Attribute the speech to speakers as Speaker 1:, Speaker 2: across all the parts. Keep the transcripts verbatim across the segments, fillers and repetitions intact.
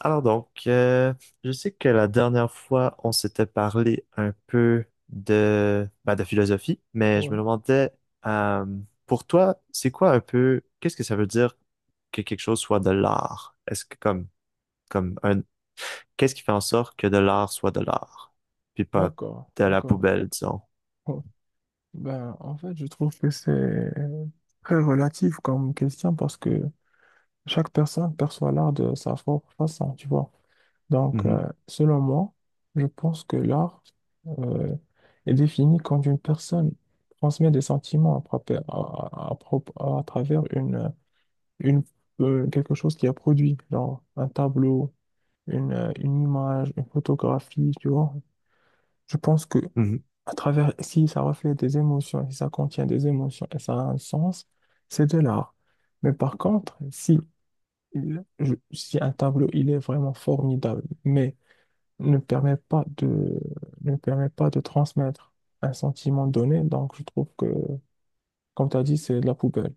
Speaker 1: Alors donc, euh, je sais que la dernière fois, on s'était parlé un peu de, bah, de philosophie, mais je me
Speaker 2: Ouais,
Speaker 1: demandais, euh, pour toi, c'est quoi un peu, qu'est-ce que ça veut dire que quelque chose soit de l'art? Est-ce que comme, comme un, qu'est-ce qui fait en sorte que de l'art soit de l'art, puis pas
Speaker 2: d'accord,
Speaker 1: de la
Speaker 2: d'accord.
Speaker 1: poubelle, disons?
Speaker 2: Bon, ben, en fait, je trouve que c'est très relatif comme question parce que chaque personne perçoit l'art de sa propre façon, tu vois. Donc,
Speaker 1: Mhm,
Speaker 2: euh, selon moi, je pense que l'art euh, est défini quand une personne transmet des sentiments à, propre- à- à- à propre- à travers une, une, euh, quelque chose qui a produit, genre un tableau, une, euh, une image, une photographie, tu vois. Je pense que.
Speaker 1: mhm.
Speaker 2: À travers, si ça reflète des émotions, si ça contient des émotions et ça a un sens, c'est de l'art. Mais par contre, si, il- je- si un tableau, il est vraiment formidable, mais ne permet pas de, ne permet pas de transmettre un sentiment donné, donc je trouve que, comme tu as dit, c'est de la poubelle.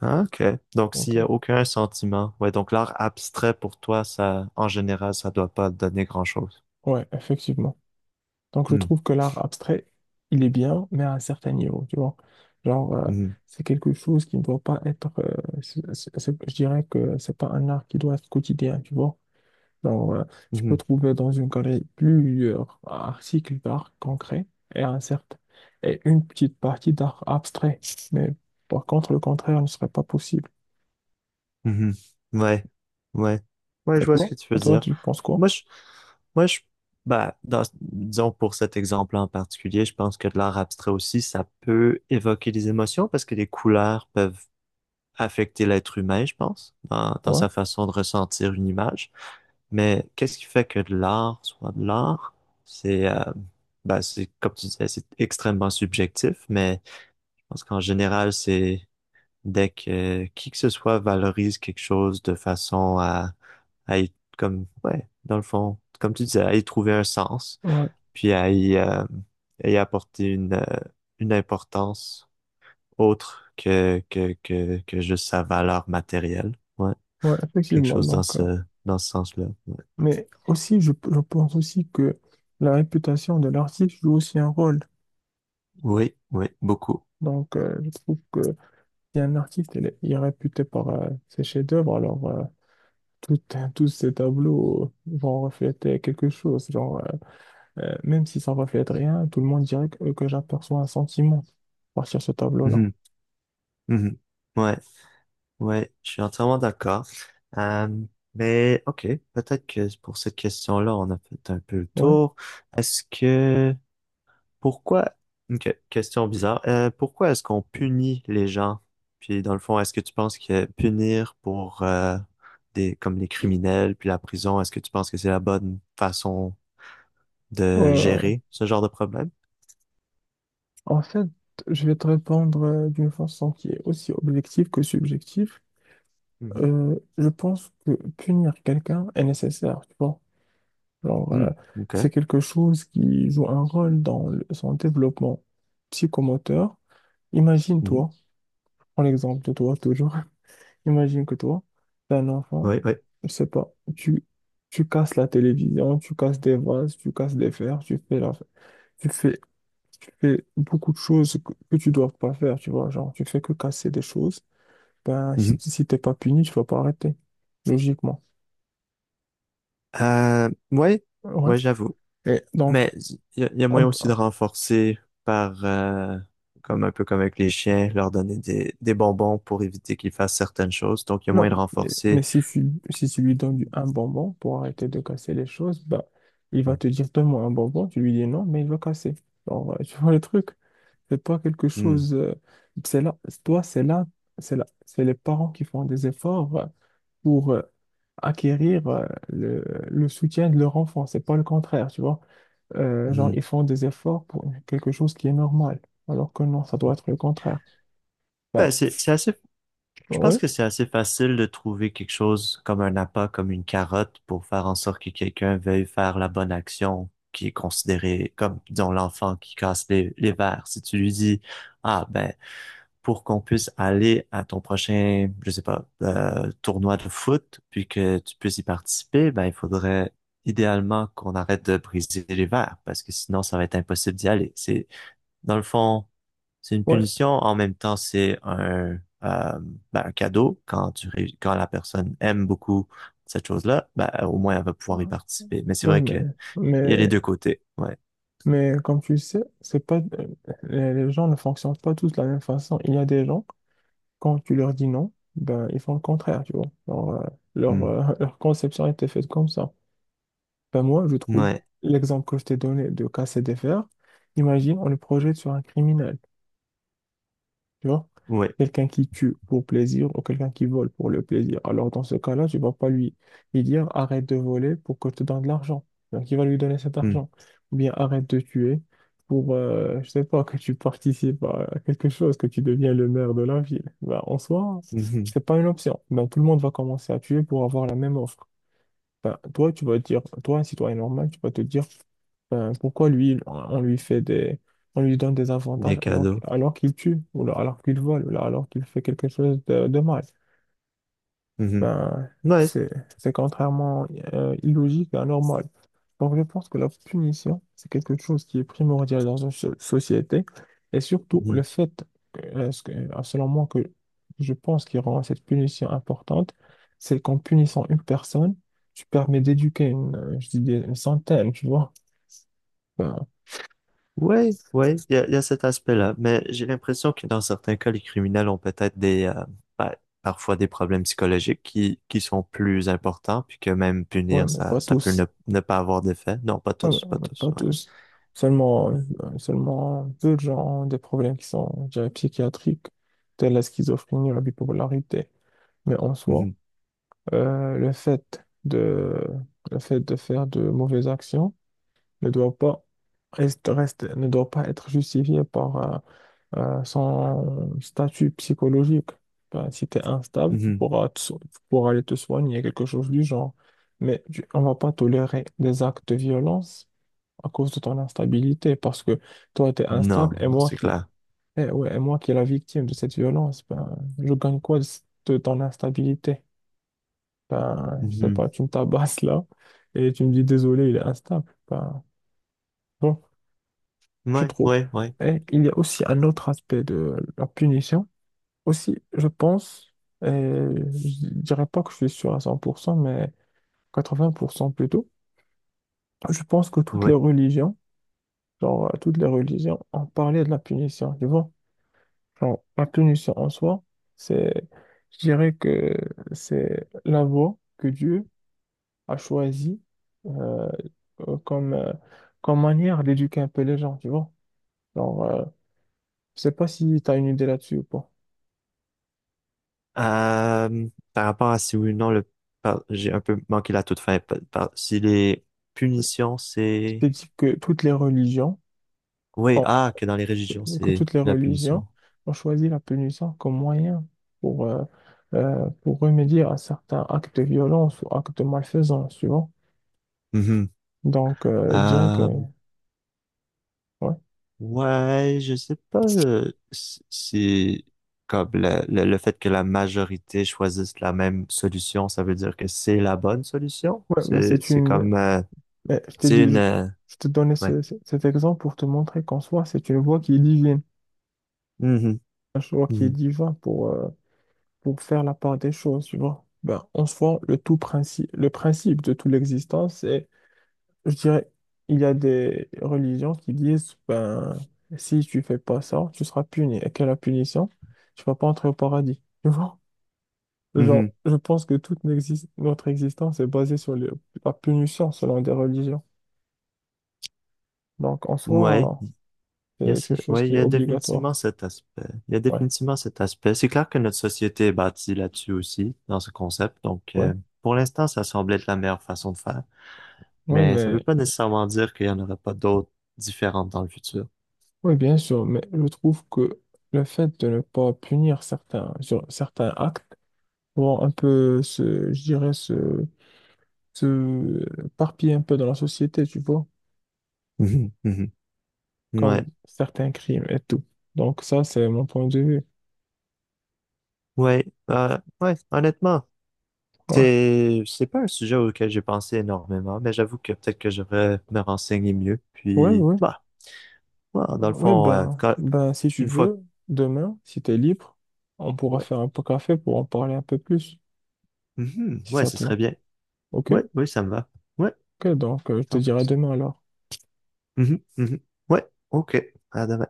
Speaker 1: Ah, ok. Donc, s'il
Speaker 2: Donc,
Speaker 1: y
Speaker 2: euh,
Speaker 1: a aucun sentiment, ouais, donc l'art abstrait pour toi, ça, en général, ça doit pas donner grand-chose.
Speaker 2: ouais, effectivement. Donc je
Speaker 1: Hmm,
Speaker 2: trouve que l'art abstrait, il est bien, mais à un certain niveau, tu vois. Genre, euh,
Speaker 1: mhm,
Speaker 2: c'est quelque chose qui ne doit pas être, euh, c'est- c'est- c'est- je dirais que c'est pas un art qui doit être quotidien, tu vois. Genre, euh, tu peux
Speaker 1: mhm.
Speaker 2: trouver dans une galerie plusieurs articles d'art concret et un certain, et une petite partie d'art abstrait. Mais par contre, le contraire ne serait pas possible.
Speaker 1: Mhm. Ouais, ouais, ouais,
Speaker 2: Et
Speaker 1: je vois ce
Speaker 2: toi?
Speaker 1: que tu
Speaker 2: Et
Speaker 1: veux
Speaker 2: toi,
Speaker 1: dire.
Speaker 2: tu penses quoi?
Speaker 1: Moi, je, moi, je, bah, dans, disons pour cet exemple en particulier, je pense que de l'art abstrait aussi, ça peut évoquer des émotions parce que les couleurs peuvent affecter l'être humain, je pense, dans, dans
Speaker 2: Ouais,
Speaker 1: sa façon de ressentir une image. Mais qu'est-ce qui fait que de l'art soit de l'art? C'est, euh, bah, c'est, comme tu disais, c'est extrêmement subjectif, mais je pense qu'en général, c'est dès que qui que ce soit valorise quelque chose de façon à, à y, comme, ouais, dans le fond, comme tu disais, à y trouver un sens,
Speaker 2: ouais,
Speaker 1: puis à y, euh, à y apporter une, euh, une importance autre que, que, que, que juste sa valeur matérielle. Ouais,
Speaker 2: ouais,
Speaker 1: quelque
Speaker 2: effectivement.
Speaker 1: chose dans
Speaker 2: Donc, euh,
Speaker 1: ce, dans ce sens-là. Ouais.
Speaker 2: Mais aussi, je, je pense aussi que la réputation de l'artiste joue aussi un rôle.
Speaker 1: Oui, oui, beaucoup.
Speaker 2: Donc, euh, je trouve que si un artiste il est, il est réputé par euh, ses chefs-d'œuvre, alors euh, tout- tous ses tableaux vont refléter quelque chose. Genre, euh, euh, même si ça ne reflète rien, tout le monde dirait que, que j'aperçois un sentiment à partir de ce tableau-là.
Speaker 1: Mhm, mhm. Ouais. Ouais, je suis entièrement d'accord. Euh, mais ok, peut-être que pour cette question-là, on a fait un peu le
Speaker 2: Ouais.
Speaker 1: tour. Est-ce que pourquoi Ok, question bizarre. Euh, pourquoi est-ce qu'on punit les gens? Puis dans le fond, est-ce que tu penses que punir pour euh, des comme les criminels puis la prison, est-ce que tu penses que c'est la bonne façon de
Speaker 2: Euh,
Speaker 1: gérer ce genre de problème?
Speaker 2: En fait, je vais te répondre euh, d'une façon qui est aussi objective que subjective.
Speaker 1: Mhm.
Speaker 2: Euh, je pense que punir quelqu'un est nécessaire, tu vois. Genre,
Speaker 1: Hmm,
Speaker 2: euh, c'est
Speaker 1: ok.
Speaker 2: quelque chose qui joue un rôle dans le- son développement psychomoteur.
Speaker 1: Mhm.
Speaker 2: Imagine-toi, prends l'exemple de toi toujours. Imagine que toi, t'es un enfant,
Speaker 1: Oui, oui.
Speaker 2: je sais pas, tu, tu casses la télévision, tu casses des vases, tu casses des verres, tu fais la, tu fais tu fais beaucoup de choses que, que tu dois pas faire, tu vois, genre tu fais que casser des choses, ben si,
Speaker 1: Mhm.
Speaker 2: si t'es pas puni, tu vas pas arrêter, logiquement.
Speaker 1: Euh, ouais,
Speaker 2: Ouais.
Speaker 1: ouais, j'avoue.
Speaker 2: Et donc,
Speaker 1: Mais il y, a y a
Speaker 2: on
Speaker 1: moyen
Speaker 2: peut-
Speaker 1: aussi de renforcer par, euh, comme un peu comme avec les chiens, leur donner des, des bonbons pour éviter qu'ils fassent certaines choses. Donc, il y a
Speaker 2: non,
Speaker 1: moyen de
Speaker 2: mais, mais
Speaker 1: renforcer.
Speaker 2: si tu, si tu lui donnes du- un bonbon pour arrêter de casser les choses, ben il va
Speaker 1: Hmm,
Speaker 2: te dire donne-moi un bonbon, tu lui dis non, mais il va casser. Genre, euh, tu vois le truc, c'est pas quelque
Speaker 1: hmm.
Speaker 2: chose, euh, C'est là, toi, c'est là, c'est là, c'est les parents qui font des efforts. euh, pour euh, acquérir euh, le, le soutien de leur enfant. C'est pas le contraire, tu vois. Euh, genre,
Speaker 1: Hmm.
Speaker 2: ils font des efforts pour quelque chose qui est normal, alors que non, ça doit être le contraire. Ben,
Speaker 1: Ben, c'est, c'est assez, je pense
Speaker 2: oui,
Speaker 1: que c'est assez facile de trouver quelque chose comme un appât, comme une carotte, pour faire en sorte que quelqu'un veuille faire la bonne action qui est considérée comme, disons, l'enfant qui casse les, les verres. Si tu lui dis, ah, ben, pour qu'on puisse aller à ton prochain, je sais pas, euh, tournoi de foot, puis que tu puisses y participer, ben, il faudrait idéalement qu'on arrête de briser les verres, parce que sinon, ça va être impossible d'y aller. C'est, dans le fond, c'est une
Speaker 2: ouais,
Speaker 1: punition, en même temps, c'est un, euh, ben, un cadeau. Quand tu, ré- quand la personne aime beaucoup cette chose-là, ben, au moins, elle va pouvoir y participer. Mais c'est
Speaker 2: oui,
Speaker 1: vrai
Speaker 2: mais,
Speaker 1: que il y a les
Speaker 2: mais,
Speaker 1: deux côtés. Ouais.
Speaker 2: mais comme tu sais, c'est pas, euh, les les gens ne fonctionnent pas tous de la même façon. Il y a des gens, quand tu leur dis non, ben, ils font le contraire, tu vois. Leur, euh, leur, euh, leur conception était faite comme ça. Ben moi, je
Speaker 1: Hmm.
Speaker 2: trouve
Speaker 1: Ouais.
Speaker 2: l'exemple que je t'ai donné de casser des fers. Imagine, on le projette sur un criminel, tu vois?
Speaker 1: Ouais.
Speaker 2: Quelqu'un qui tue pour plaisir ou quelqu'un qui vole pour le plaisir. Alors, dans ce cas-là, tu vas pas lui, lui dire arrête de voler pour que je te donne de l'argent. Donc, il va lui donner cet
Speaker 1: Hmm.
Speaker 2: argent. Ou bien arrête de tuer pour, euh, je sais pas, que tu participes à quelque chose, que tu deviens le maire de la ville. Ben, en soi,
Speaker 1: Mhm.
Speaker 2: c'est pas une option. Ben, tout le monde va commencer à tuer pour avoir la même offre. Enfin, toi, tu vas te dire, toi, un citoyen normal, tu vas te dire, enfin, pourquoi lui, on lui fait des, on lui donne des
Speaker 1: Des
Speaker 2: avantages alors, qu'-
Speaker 1: cadeaux.
Speaker 2: alors qu'il tue, ou là, alors qu'il vole, ou là, alors qu'il fait quelque chose de, de mal.
Speaker 1: Mhm.
Speaker 2: Ben,
Speaker 1: Ouais.
Speaker 2: c'est, c'est contrairement euh, illogique et anormal. Donc, je pense que la punition, c'est quelque chose qui est primordial dans une so- société. Et surtout, le fait, euh, ce que- euh, selon moi, que je pense qui rend cette punition importante, c'est qu'en punissant une personne, tu permets d'éduquer une, euh, je dis des- une centaine, tu vois. Enfin,
Speaker 1: Ouais, ouais, il y a, y a cet aspect-là. Mais j'ai l'impression que dans certains cas, les criminels ont peut-être des, euh, bah, parfois des problèmes psychologiques qui, qui sont plus importants, puis que même
Speaker 2: ouais,
Speaker 1: punir,
Speaker 2: mais
Speaker 1: ça,
Speaker 2: pas
Speaker 1: ça peut ne,
Speaker 2: tous.
Speaker 1: ne pas avoir d'effet. Non, pas
Speaker 2: Ouais, mais
Speaker 1: tous, pas
Speaker 2: mais
Speaker 1: tous,
Speaker 2: pas
Speaker 1: ouais.
Speaker 2: tous. Seulement, euh, seulement peu de gens ont des problèmes qui sont, je dirais, psychiatriques, tels la schizophrénie ou la bipolarité. Mais en soi,
Speaker 1: Mhm,
Speaker 2: Euh, le fait de, le fait de faire de mauvaises actions ne doit pas, reste, reste- ne doit pas être justifié par euh, euh, son statut psychologique. Ben, si tu es instable, tu
Speaker 1: mhm.
Speaker 2: pourras, te so- tu pourras aller te soigner, quelque chose du genre. Mais tu- on va pas tolérer des actes de violence à cause de ton instabilité, parce que toi, tu es instable
Speaker 1: Non,
Speaker 2: et
Speaker 1: non,
Speaker 2: moi
Speaker 1: c'est
Speaker 2: qui,
Speaker 1: clair.
Speaker 2: eh ouais, et moi qui est la victime de cette violence, ben, je gagne quoi de de ton instabilité? Ben, je sais
Speaker 1: Mhm.
Speaker 2: pas, tu me tabasses là et tu me dis désolé, il est instable. Ben, bon, je
Speaker 1: Ouais,
Speaker 2: trouve.
Speaker 1: ouais, ouais,
Speaker 2: Et il y a aussi un autre aspect de la punition. Aussi, je pense, et je dirais pas que je suis sûr à cent pour cent mais quatre-vingts pour cent plutôt. Je pense que toutes les
Speaker 1: ouais.
Speaker 2: religions, genre, euh, toutes les religions ont parlé de la punition, tu vois. Genre, la punition en soi, c'est, je dirais que c'est la voie que Dieu a choisie euh, euh, comme, euh, comme manière d'éduquer un peu les gens, tu vois. Genre, euh, je sais pas si tu as une idée là-dessus ou pas.
Speaker 1: Euh, par rapport à si oui ou non, le, par- j'ai un peu manqué la toute fin. Par- par- si les punitions,
Speaker 2: Je
Speaker 1: c'est,
Speaker 2: t'ai dit que toutes les religions
Speaker 1: oui,
Speaker 2: ont,
Speaker 1: ah, que dans les religions,
Speaker 2: que
Speaker 1: c'est
Speaker 2: toutes les
Speaker 1: la
Speaker 2: religions
Speaker 1: punition.
Speaker 2: ont choisi la punition comme moyen pour, euh, euh, pour remédier à certains actes de violence ou actes de malfaisance, tu vois.
Speaker 1: Mhm.
Speaker 2: Donc, euh, je dirais que,
Speaker 1: Euh,
Speaker 2: ouais.
Speaker 1: ouais, je sais pas euh, si si comme le, le, le fait que la majorité choisisse la même solution, ça veut dire que c'est la bonne solution.
Speaker 2: Ouais, mais
Speaker 1: C'est
Speaker 2: c'est
Speaker 1: c'est
Speaker 2: une.
Speaker 1: comme euh,
Speaker 2: Mais je t'ai
Speaker 1: c'est
Speaker 2: dit,
Speaker 1: une
Speaker 2: je,
Speaker 1: euh,
Speaker 2: je te donnais
Speaker 1: ouais.
Speaker 2: ce- ce- cet exemple pour te montrer qu'en soi, c'est une voie qui est divine,
Speaker 1: Mhm,
Speaker 2: un choix qui est
Speaker 1: mhm,
Speaker 2: divin pour, euh, pour faire la part des choses, tu vois. Ben, en soi, le tout principe, le principe de toute l'existence, c'est, je dirais, il y a des religions qui disent, ben, si tu fais pas ça, tu seras puni. Et quelle est la punition? Tu vas pas entrer au paradis, tu vois.
Speaker 1: mhm.
Speaker 2: Genre, je pense que toute n'exis- notre existence est basée sur le- la punition selon des religions. Donc, en
Speaker 1: Ouais,
Speaker 2: soi,
Speaker 1: il y a
Speaker 2: c'est
Speaker 1: ce-
Speaker 2: une chose
Speaker 1: ouais, il
Speaker 2: qui est
Speaker 1: y a
Speaker 2: obligatoire.
Speaker 1: définitivement cet aspect. Il y a
Speaker 2: Ouais,
Speaker 1: définitivement cet aspect. C'est clair que notre société est bâtie là-dessus aussi, dans ce concept. Donc euh,
Speaker 2: ouais,
Speaker 1: pour l'instant, ça semble être la meilleure façon de faire,
Speaker 2: ouais,
Speaker 1: mais ça veut
Speaker 2: mais
Speaker 1: pas nécessairement dire qu'il y en aura pas d'autres différentes dans le futur.
Speaker 2: oui, bien sûr, mais je trouve que le fait de ne pas punir certains, sur certains actes vont un peu se, je dirais, se, se parpiller un peu dans la société, tu vois,
Speaker 1: Mhm, mhm.
Speaker 2: comme
Speaker 1: Ouais,
Speaker 2: certains crimes et tout. Donc ça, c'est mon point de vue.
Speaker 1: ouais, euh, ouais, honnêtement,
Speaker 2: Ouais.
Speaker 1: c'est, c'est pas un sujet auquel j'ai pensé énormément, mais j'avoue que peut-être que je devrais me renseigner mieux.
Speaker 2: Ouais,
Speaker 1: Puis,
Speaker 2: ouais.
Speaker 1: bah, ouais, dans le
Speaker 2: Ouais,
Speaker 1: fond, euh,
Speaker 2: ben,
Speaker 1: quand-
Speaker 2: ben, si tu
Speaker 1: une fois, que-
Speaker 2: veux, demain, si t'es libre, on pourra
Speaker 1: ouais,
Speaker 2: faire un peu café pour en parler un peu plus,
Speaker 1: mhm,
Speaker 2: si
Speaker 1: ouais,
Speaker 2: ça
Speaker 1: ce
Speaker 2: te va.
Speaker 1: serait bien.
Speaker 2: OK?
Speaker 1: Ouais, oui, ça me va. Ouais,
Speaker 2: OK, donc euh, je te
Speaker 1: cent pour
Speaker 2: dirai
Speaker 1: cent.
Speaker 2: demain alors.
Speaker 1: Mhm, mhm. Ouais, ok, à demain.